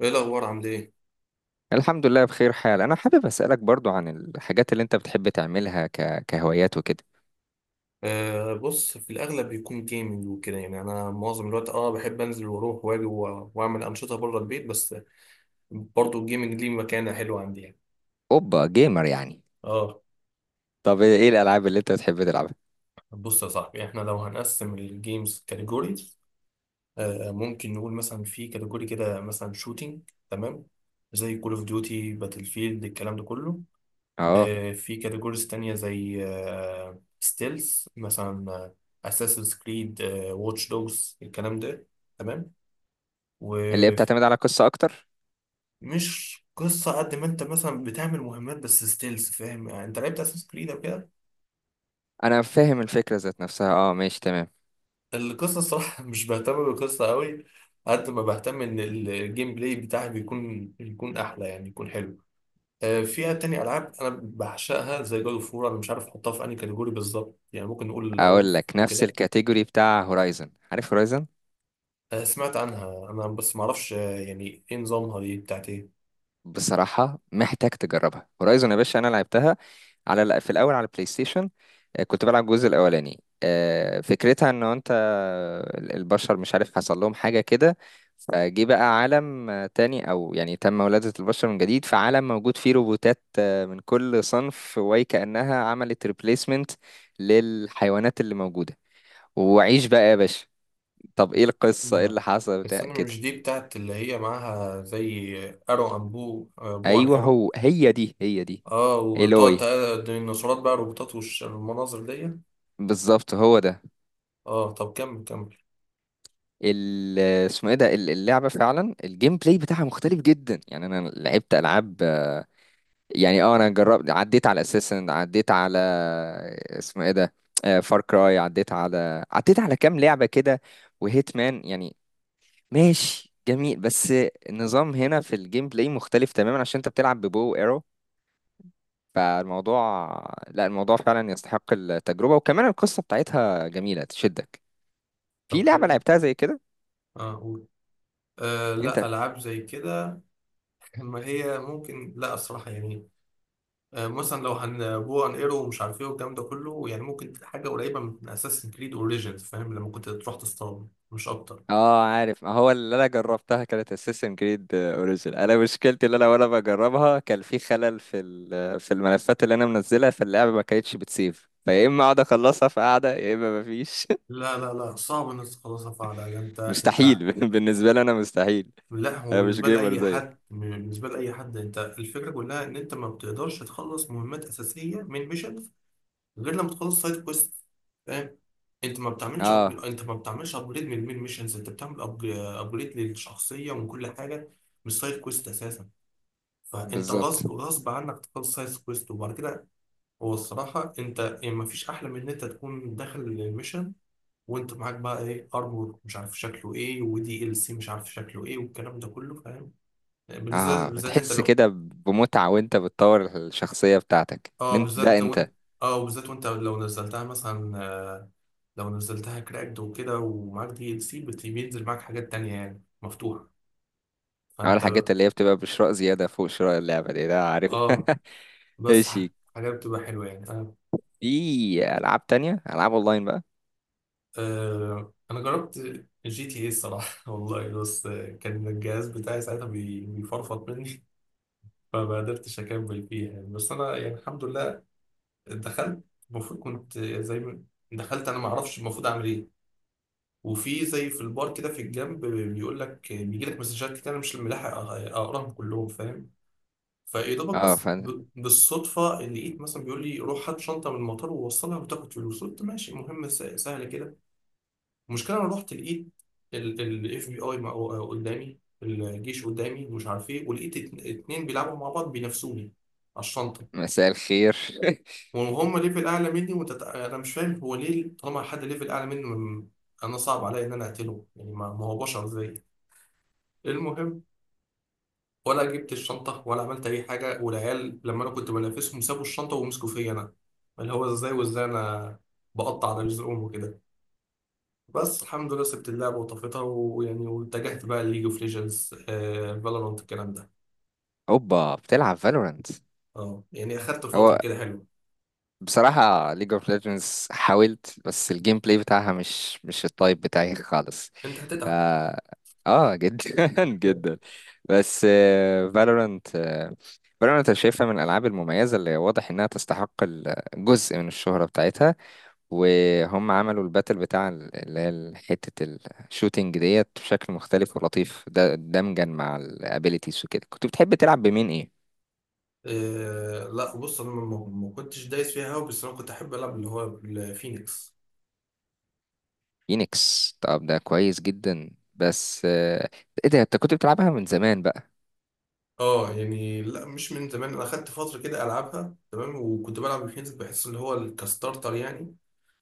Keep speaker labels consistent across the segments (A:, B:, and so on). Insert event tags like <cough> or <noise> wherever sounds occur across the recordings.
A: ايه الاخبار؟ عامل ايه؟
B: الحمد لله بخير حال. انا حابب اسالك برضو عن الحاجات اللي انت بتحب تعملها كهوايات وكده.
A: بص، في الاغلب بيكون جيمنج وكده. يعني انا معظم الوقت بحب انزل واروح واجي واعمل انشطه بره البيت. بس برضو الجيمنج ليه مكانه حلوه عندي يعني.
B: اوبا، جيمر يعني؟
A: اه.
B: طب ايه الالعاب اللي انت بتحب تلعبها؟
A: بص يا صاحبي، احنا لو هنقسم الجيمز كاتيجوريز، ممكن نقول مثلا في كاتيجوري كده مثلا شوتينج، تمام، زي كول اوف ديوتي، باتل فيلد، الكلام ده كله.
B: اه،
A: في كاتيجوريز تانية زي ستيلز مثلا، اساسن كريد، واتش دوجز، الكلام ده. تمام.
B: اللي هي
A: ومش
B: بتعتمد على قصه اكتر.
A: قصة قد ما انت مثلا بتعمل مهمات، بس ستيلز، فاهم يعني؟ انت لعبت اساس كريد او كده.
B: انا فاهم الفكره ذات نفسها. اه، ماشي تمام.
A: القصة الصراحة <laughs> مش بهتم بالقصة قوي، قد ما بهتم ان الجيم بلاي بتاعي يكون احلى، يعني يكون حلو. فيها تاني العاب انا بعشقها زي جود اوف وور. انا مش عارف احطها في انهي كاتيجوري بالظبط، يعني ممكن نقول
B: اقول
A: العنف
B: لك نفس
A: وكده.
B: الكاتيجوري بتاع هورايزن. عارف هورايزن؟
A: سمعت عنها انا بس معرفش. يعني ايه نظامها؟ دي بتاعت ايه؟
B: بصراحة محتاج تجربها هورايزون يا باشا. أنا لعبتها على في الأول على البلاي ستيشن. كنت بلعب الجزء الأولاني. فكرتها إن أنت البشر مش عارف حصل لهم حاجة كده. فجه بقى عالم تاني، أو يعني تم ولادة البشر من جديد في عالم موجود فيه روبوتات من كل صنف، وكأنها عملت ريبليسمنت للحيوانات اللي موجودة. وعيش بقى يا باشا. طب إيه القصة؟ إيه
A: مم.
B: اللي حصل
A: بس
B: بتاع
A: انا
B: كده؟
A: مش دي بتاعت اللي هي معاها زي ارو ان بو، بو ان
B: أيوه،
A: ارو؟
B: هو هي دي هي دي.
A: اه، وتقعد
B: إيلوي.
A: الديناصورات بقى روبوتات والمناظر دي.
B: بالظبط هو ده.
A: اه طب كمل، كمل.
B: اسمه ايه ده؟ اللعبه فعلا الجيم بلاي بتاعها مختلف جدا، يعني انا لعبت العاب، يعني اه انا جربت عديت على اساسن، عديت على، اسمه ايه ده، فار كراي، عديت على كام لعبه كده، وهيت مان يعني. ماشي جميل، بس النظام هنا في الجيم بلاي مختلف تماما عشان انت بتلعب ببو ايرو. فالموضوع لا، الموضوع فعلا يستحق التجربه، وكمان القصه بتاعتها جميله تشدك. في
A: طب
B: لعبه
A: حلو،
B: لعبتها زي كده
A: اه قول.
B: انت؟
A: لا، العاب زي كده <laughs> ما هي ممكن، لا الصراحه يعني. مثلا لو هنبو ان ايرو ومش عارف ايه والكلام ده كله، يعني ممكن حاجه قريبه من اساسن كريد اوريجينز، فاهم لما كنت تروح تصطاد؟ مش اكتر.
B: اه عارف، ما هو اللي انا جربتها كانت اساسن كريد اوريجين. انا مشكلتي اللي وانا بجربها كان في خلل في الملفات اللي انا منزلها، فاللعبه ما كانتش بتسيف فيا، اما اقعد اخلصها في قعده يا اما ما فيش.
A: لا، صعب انك تخلصها فعلا. ده انت،
B: <laughs>
A: انت
B: مستحيل. <laughs> بالنسبه لي انا مستحيل.
A: لا، هو
B: انا مش
A: بالنسبه
B: جيمر
A: لاي حد،
B: زيك.
A: بالنسبه لاي حد، انت الفكره كلها ان انت ما بتقدرش تخلص مهمات اساسيه من ميشن غير لما تخلص سايد كويست. فاهم؟ انت ما بتعملش
B: اه،
A: انت ما بتعملش ابجريد من المين ميشنز، انت بتعمل ابجريد للشخصيه ومن كل حاجه، مش سايد كويست اساسا. فانت
B: بالظبط.
A: غصب، غصب عنك تخلص سايد كويست. وبعد كده هو الصراحه، انت يعني ما فيش احلى من ان انت تكون داخل الميشن وانت معاك بقى ايه، ارمور مش عارف شكله ايه، ودي ال سي مش عارف شكله ايه، والكلام ده كله، فاهم؟ بالذات
B: اه،
A: بالذات انت
B: بتحس
A: لو،
B: كده بمتعه وانت بتطور الشخصيه بتاعتك إن
A: اه
B: انت ده
A: بالذات وانت،
B: انت.
A: اه بالذات وانت لو نزلتها مثلا، لو نزلتها كراكد وكده ومعاك دي ال سي، بينزل معاك حاجات تانية يعني مفتوحة،
B: أول
A: فانت،
B: الحاجات اللي هي بتبقى بشراء زياده فوق شراء اللعبه دي، ده عارف؟ <laughs>
A: اه. بس
B: ايش؟
A: ح- حاجات بتبقى حلوة يعني، اه.
B: في العاب تانية، العاب اونلاين بقى؟
A: انا جربت جي تي اي الصراحة <laughs> والله. بس كان الجهاز بتاعي ساعتها بيفرفط مني <laughs> فما قدرتش اكمل فيها يعني. بس انا يعني الحمد لله دخلت، المفروض كنت زي ما، دخلت انا ما اعرفش المفروض اعمل ايه. وفي زي في البار كده في الجنب بيقول لك، بيجي لك مسجات كتير انا مش ملاحق اقراهم كلهم، فاهم؟ فيا دوبك
B: اه، فن.
A: بالصدفة اللي لقيت مثلا بيقول لي روح هات شنطة من المطار ووصلها وتاخد فلوس. قلت ماشي مهمة سهلة كده. المشكلة أنا رحت لقيت الاف بي اي قدامي، الجيش قدامي ومش عارف ايه، ولقيت اتنين بيلعبوا مع بعض بينافسوني على الشنطة،
B: مساء الخير. <laughs>
A: وهم ليفل أعلى مني. أنا مش فاهم، هو ليه طالما حد ليفل أعلى مني أنا صعب عليا إن أنا أقتله، يعني ما هو بشر زيي. المهم، ولا جبت الشنطة ولا عملت أي حاجة. والعيال لما أنا كنت بنافسهم سابوا الشنطة ومسكوا فيا أنا، اللي هو إزاي وإزاي أنا بقطع على رزقهم وكده. بس الحمد لله سبت اللعبة وطفيتها، ويعني واتجهت بقى لليج اوف ليجندز، فالورانت، الكلام ده.
B: اوبا، بتلعب فالورانت؟
A: اه يعني أخدت فترة
B: هو
A: كده حلوة.
B: بصراحة ليج اوف ليجندز حاولت، بس الجيم بلاي بتاعها مش التايب بتاعي خالص.
A: أنت
B: ف...
A: هتتعب.
B: اه جدا، <laughs> جدا. بس فالورانت. فالورانت انا شايفها من الالعاب المميزة اللي واضح انها تستحق جزء من الشهرة بتاعتها. وهم عملوا الباتل بتاع اللي هي حتة الشوتينج ديت بشكل مختلف ولطيف، ده دمجا مع الابيليتيز وكده. كنت بتحب تلعب بمين، ايه؟
A: لا بص، أنا ما كنتش دايس فيها أوي، بس أنا كنت أحب ألعب اللي هو الفينيكس.
B: فينيكس؟ طب ده كويس جدا. بس، ايه ده انت كنت بتلعبها من زمان بقى؟
A: اه يعني، لا مش من زمان، انا اخدت فتره كده العبها تمام، وكنت بلعب الفينيكس، بحس ان هو الكستارتر يعني.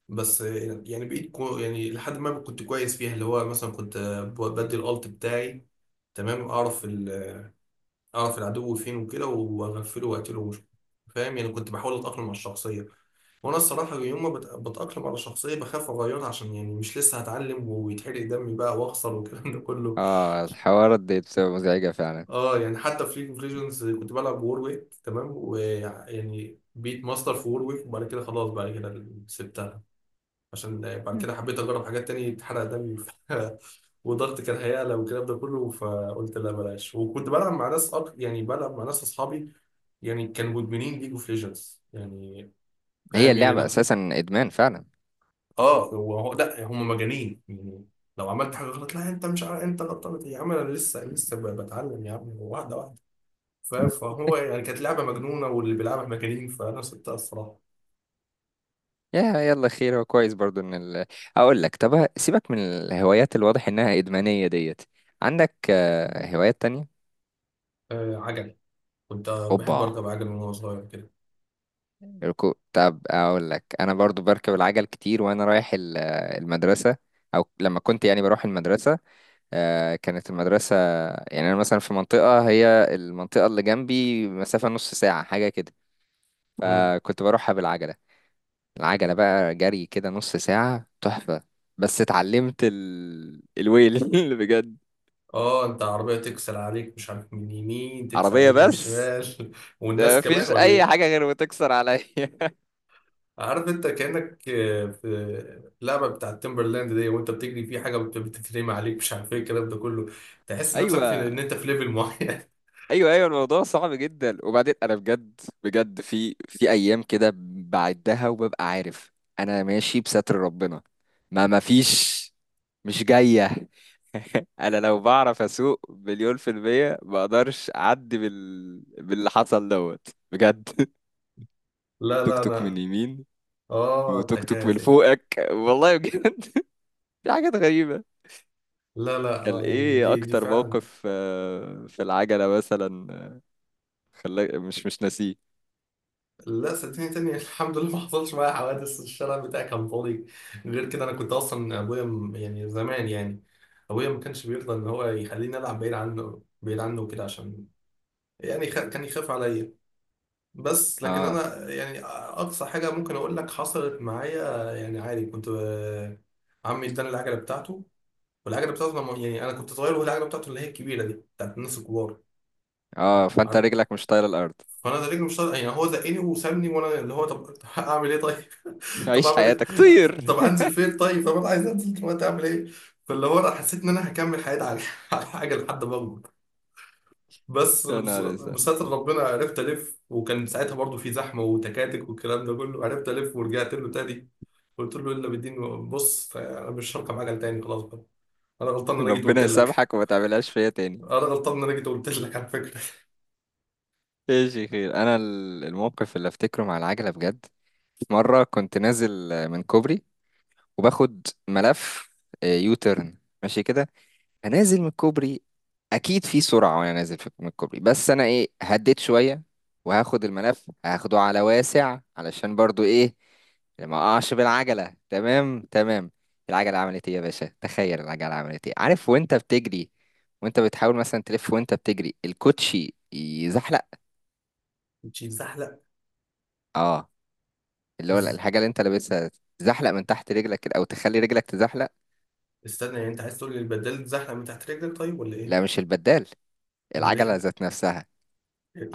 A: بس يعني بقيت كو، يعني لحد ما كنت كويس فيها، اللي هو مثلا كنت بدي الالت بتاعي، تمام، اعرف العدو فين وكده واغفله واقتله، مش فاهم يعني؟ كنت بحاول اتاقلم على الشخصيه. وانا الصراحه يوم ما بتاقلم على الشخصيه بخاف اغيرها، عشان يعني مش لسه هتعلم ويتحرق دمي بقى واخسر والكلام ده كله.
B: اه، الحوارات دي بتبقى مزعجة فعلا.
A: اه يعني حتى في ليج اوف ليجندز كنت بلعب وورويك، تمام، ويعني بيت ماستر في وورويك، وبعد كده خلاص بعد كده سبتها. عشان بعد كده حبيت اجرب حاجات تاني، اتحرق دمي <laughs> وضغط كان هيعلى والكلام ده كله، فقلت لا بلاش. وكنت بلعب مع ناس يعني بلعب مع ناس اصحابي، يعني كانوا مدمنين ليج اوف ليجندز يعني،
B: هي
A: فاهم يعني؟
B: اللعبة
A: لا
B: اساسا ادمان فعلا.
A: اه، لا هم مجانين يعني. لو عملت حاجه غلط، لا انت مش عارف انت غلطان يا عم، انا لسه بتعلم يا عم، واحده واحده. فهو يعني كانت لعبه مجنونه واللي بيلعبها مجانين، فانا سبتها الصراحه.
B: يا يلا خير، هو كويس برضو ان اقول لك، طب سيبك من الهوايات الواضح انها ادمانية ديت. عندك هوايات تانية؟
A: آه، عجل، كنت بحب
B: اوبا.
A: اركب عجل من وانا صغير كده.
B: ركوب؟ طب اقول لك انا برضو بركب العجل كتير وانا رايح المدرسه، او لما كنت يعني بروح المدرسه. كانت المدرسه، يعني انا مثلا في منطقه، هي المنطقه اللي جنبي مسافه نص ساعه حاجه كده، فكنت بروحها بالعجله. العجله بقى جري كده نص ساعه تحفه. بس اتعلمت الويل. <laughs> بجد.
A: اه، انت عربية تكسر عليك مش عارف، من اليمين تكسر
B: عربيه،
A: عليك من
B: بس
A: الشمال <laughs>
B: ده
A: والناس كمان،
B: مفيش
A: ولا
B: اي حاجه
A: ايه؟
B: غير بتكسر عليا.
A: عارف انت كأنك في اللعبة بتاع تيمبرلاند دي، وانت بتجري في حاجة بتترمي عليك مش عارف ايه الكلام ده كله، تحس
B: <laughs>
A: نفسك في
B: ايوه،
A: ان انت في ليفل معين <laughs>
B: ايوه، ايوه. الموضوع صعب جدا. وبعدين انا بجد بجد في ايام كده بعدها وببقى عارف انا ماشي بستر ربنا، ما فيش، مش جايه. <laughs> انا لو بعرف اسوق مليون في المية ما اقدرش اعدي باللي حصل دوت، بجد. <laughs>
A: لا
B: توك
A: لا
B: توك من
A: انا،
B: يمين،
A: اه
B: وتوك توك من
A: التكاتك.
B: فوقك، والله بجد. <laughs> في حاجات غريبة.
A: لا لا،
B: كان
A: اه يعني
B: ايه
A: دي دي
B: اكتر
A: فعلا.
B: موقف في العجلة مثلا خلاك مش ناسيه؟
A: لا صدقني تاني <laughs> الحمد لله ما حصلش معايا حوادث، الشارع بتاعي كان فاضي. غير كده انا كنت اصلا، ابويا يعني زمان يعني، ابويا ما كانش بيرضى ان هو يخليني العب بعيد عنه، بعيد عنه وكده، عشان يعني كان يخاف عليا. بس لكن
B: اه.
A: انا يعني اقصى حاجه ممكن اقول لك حصلت معايا، يعني عادي، كنت عمي اداني العجله بتاعته، والعجله يعني انا كنت صغير وهو العجله بتاعته اللي هي الكبيره دي بتاعت الناس الكبار،
B: اه، فانت
A: عارف؟
B: رجلك مش طايله الارض.
A: فانا ده رجلي مش طايق- يعني هو زقني وسابني، وانا اللي هو طب <laughs> هعمل ايه طيب؟
B: <laughs>
A: <laughs> طب
B: عيش
A: اعمل ايه؟
B: حياتك طير.
A: طب انزل فين طيب؟ طب انا عايز انزل دلوقتي، اعمل ايه؟ فاللي هو انا حسيت ان انا هكمل حياتي على <laughs> على حاجه لحد ما اكبر.
B: <laughs> يا نهار اسود.
A: بستر ربنا عرفت الف. وكان ساعتها برضو في زحمه وتكاتك والكلام ده كله، عرفت الف ورجعت له تاني. قلت له الا بالدين بص، انا مش هركب عجل تاني خلاص بقى، انا غلطان ان انا جيت قلت
B: ربنا
A: لك،
B: يسامحك وما تعملهاش فيا تاني.
A: انا غلطان ان انا جيت قلت لك على فكره.
B: ايش يا خير، انا الموقف اللي افتكره مع العجله بجد، في مره كنت نازل من كوبري وباخد ملف يوتيرن ماشي كده. انا نازل من الكوبري، اكيد في سرعه وانا نازل من الكوبري، بس انا ايه هديت شويه، وهاخد الملف هاخده على واسع علشان برضو ايه، ما اقعش بالعجله. تمام تمام. العجله عملت ايه يا باشا؟ تخيل العجله عملت ايه. عارف وانت بتجري، وانت بتحاول مثلا تلف وانت بتجري الكوتشي يزحلق؟
A: <laughs> مش زحلق.
B: اه، اللي هو
A: إز-
B: الحاجه اللي انت لابسها تزحلق من تحت رجلك كده، او تخلي رجلك تزحلق.
A: استنى، يعني انت عايز تقول لي البدال اتزحلق من تحت رجلك، طيب ولا ايه؟
B: لا، مش البدال.
A: امال
B: العجله
A: ايه؟
B: ذات نفسها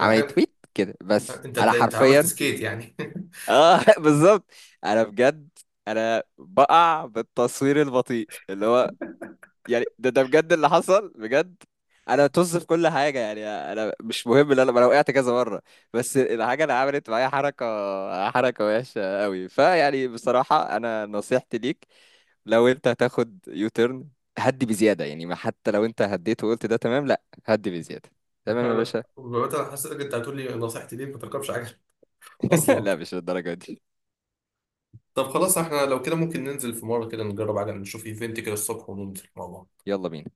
B: عملت تويت كده، بس
A: انت
B: انا
A: انت عملت
B: حرفيا.
A: سكيت يعني؟ <laughs>
B: اه، <laughs> بالظبط. انا بجد، انا بقع بالتصوير البطيء، اللي هو يعني ده بجد اللي حصل بجد. انا طز في كل حاجه، يعني انا مش مهم ان انا وقعت كذا مره، بس الحاجه اللي عملت معايا حركه وحشه قوي. فيعني بصراحه انا نصيحتي ليك، لو انت هتاخد يو تيرن، هدي بزياده. يعني ما حتى لو انت هديت وقلت ده تمام، لا، هدي بزياده. تمام يا
A: انا
B: باشا.
A: مثلا حسيتك انت هتقول لي نصيحتي ليك ما تركبش عجل <laughs>
B: <laughs>
A: اصلا.
B: لا مش للدرجه دي.
A: طب خلاص، احنا لو كده ممكن ننزل في مره كده نجرب عجل، نشوف ايفنت كده الصبح وننزل مع بعض.
B: يلا بينا.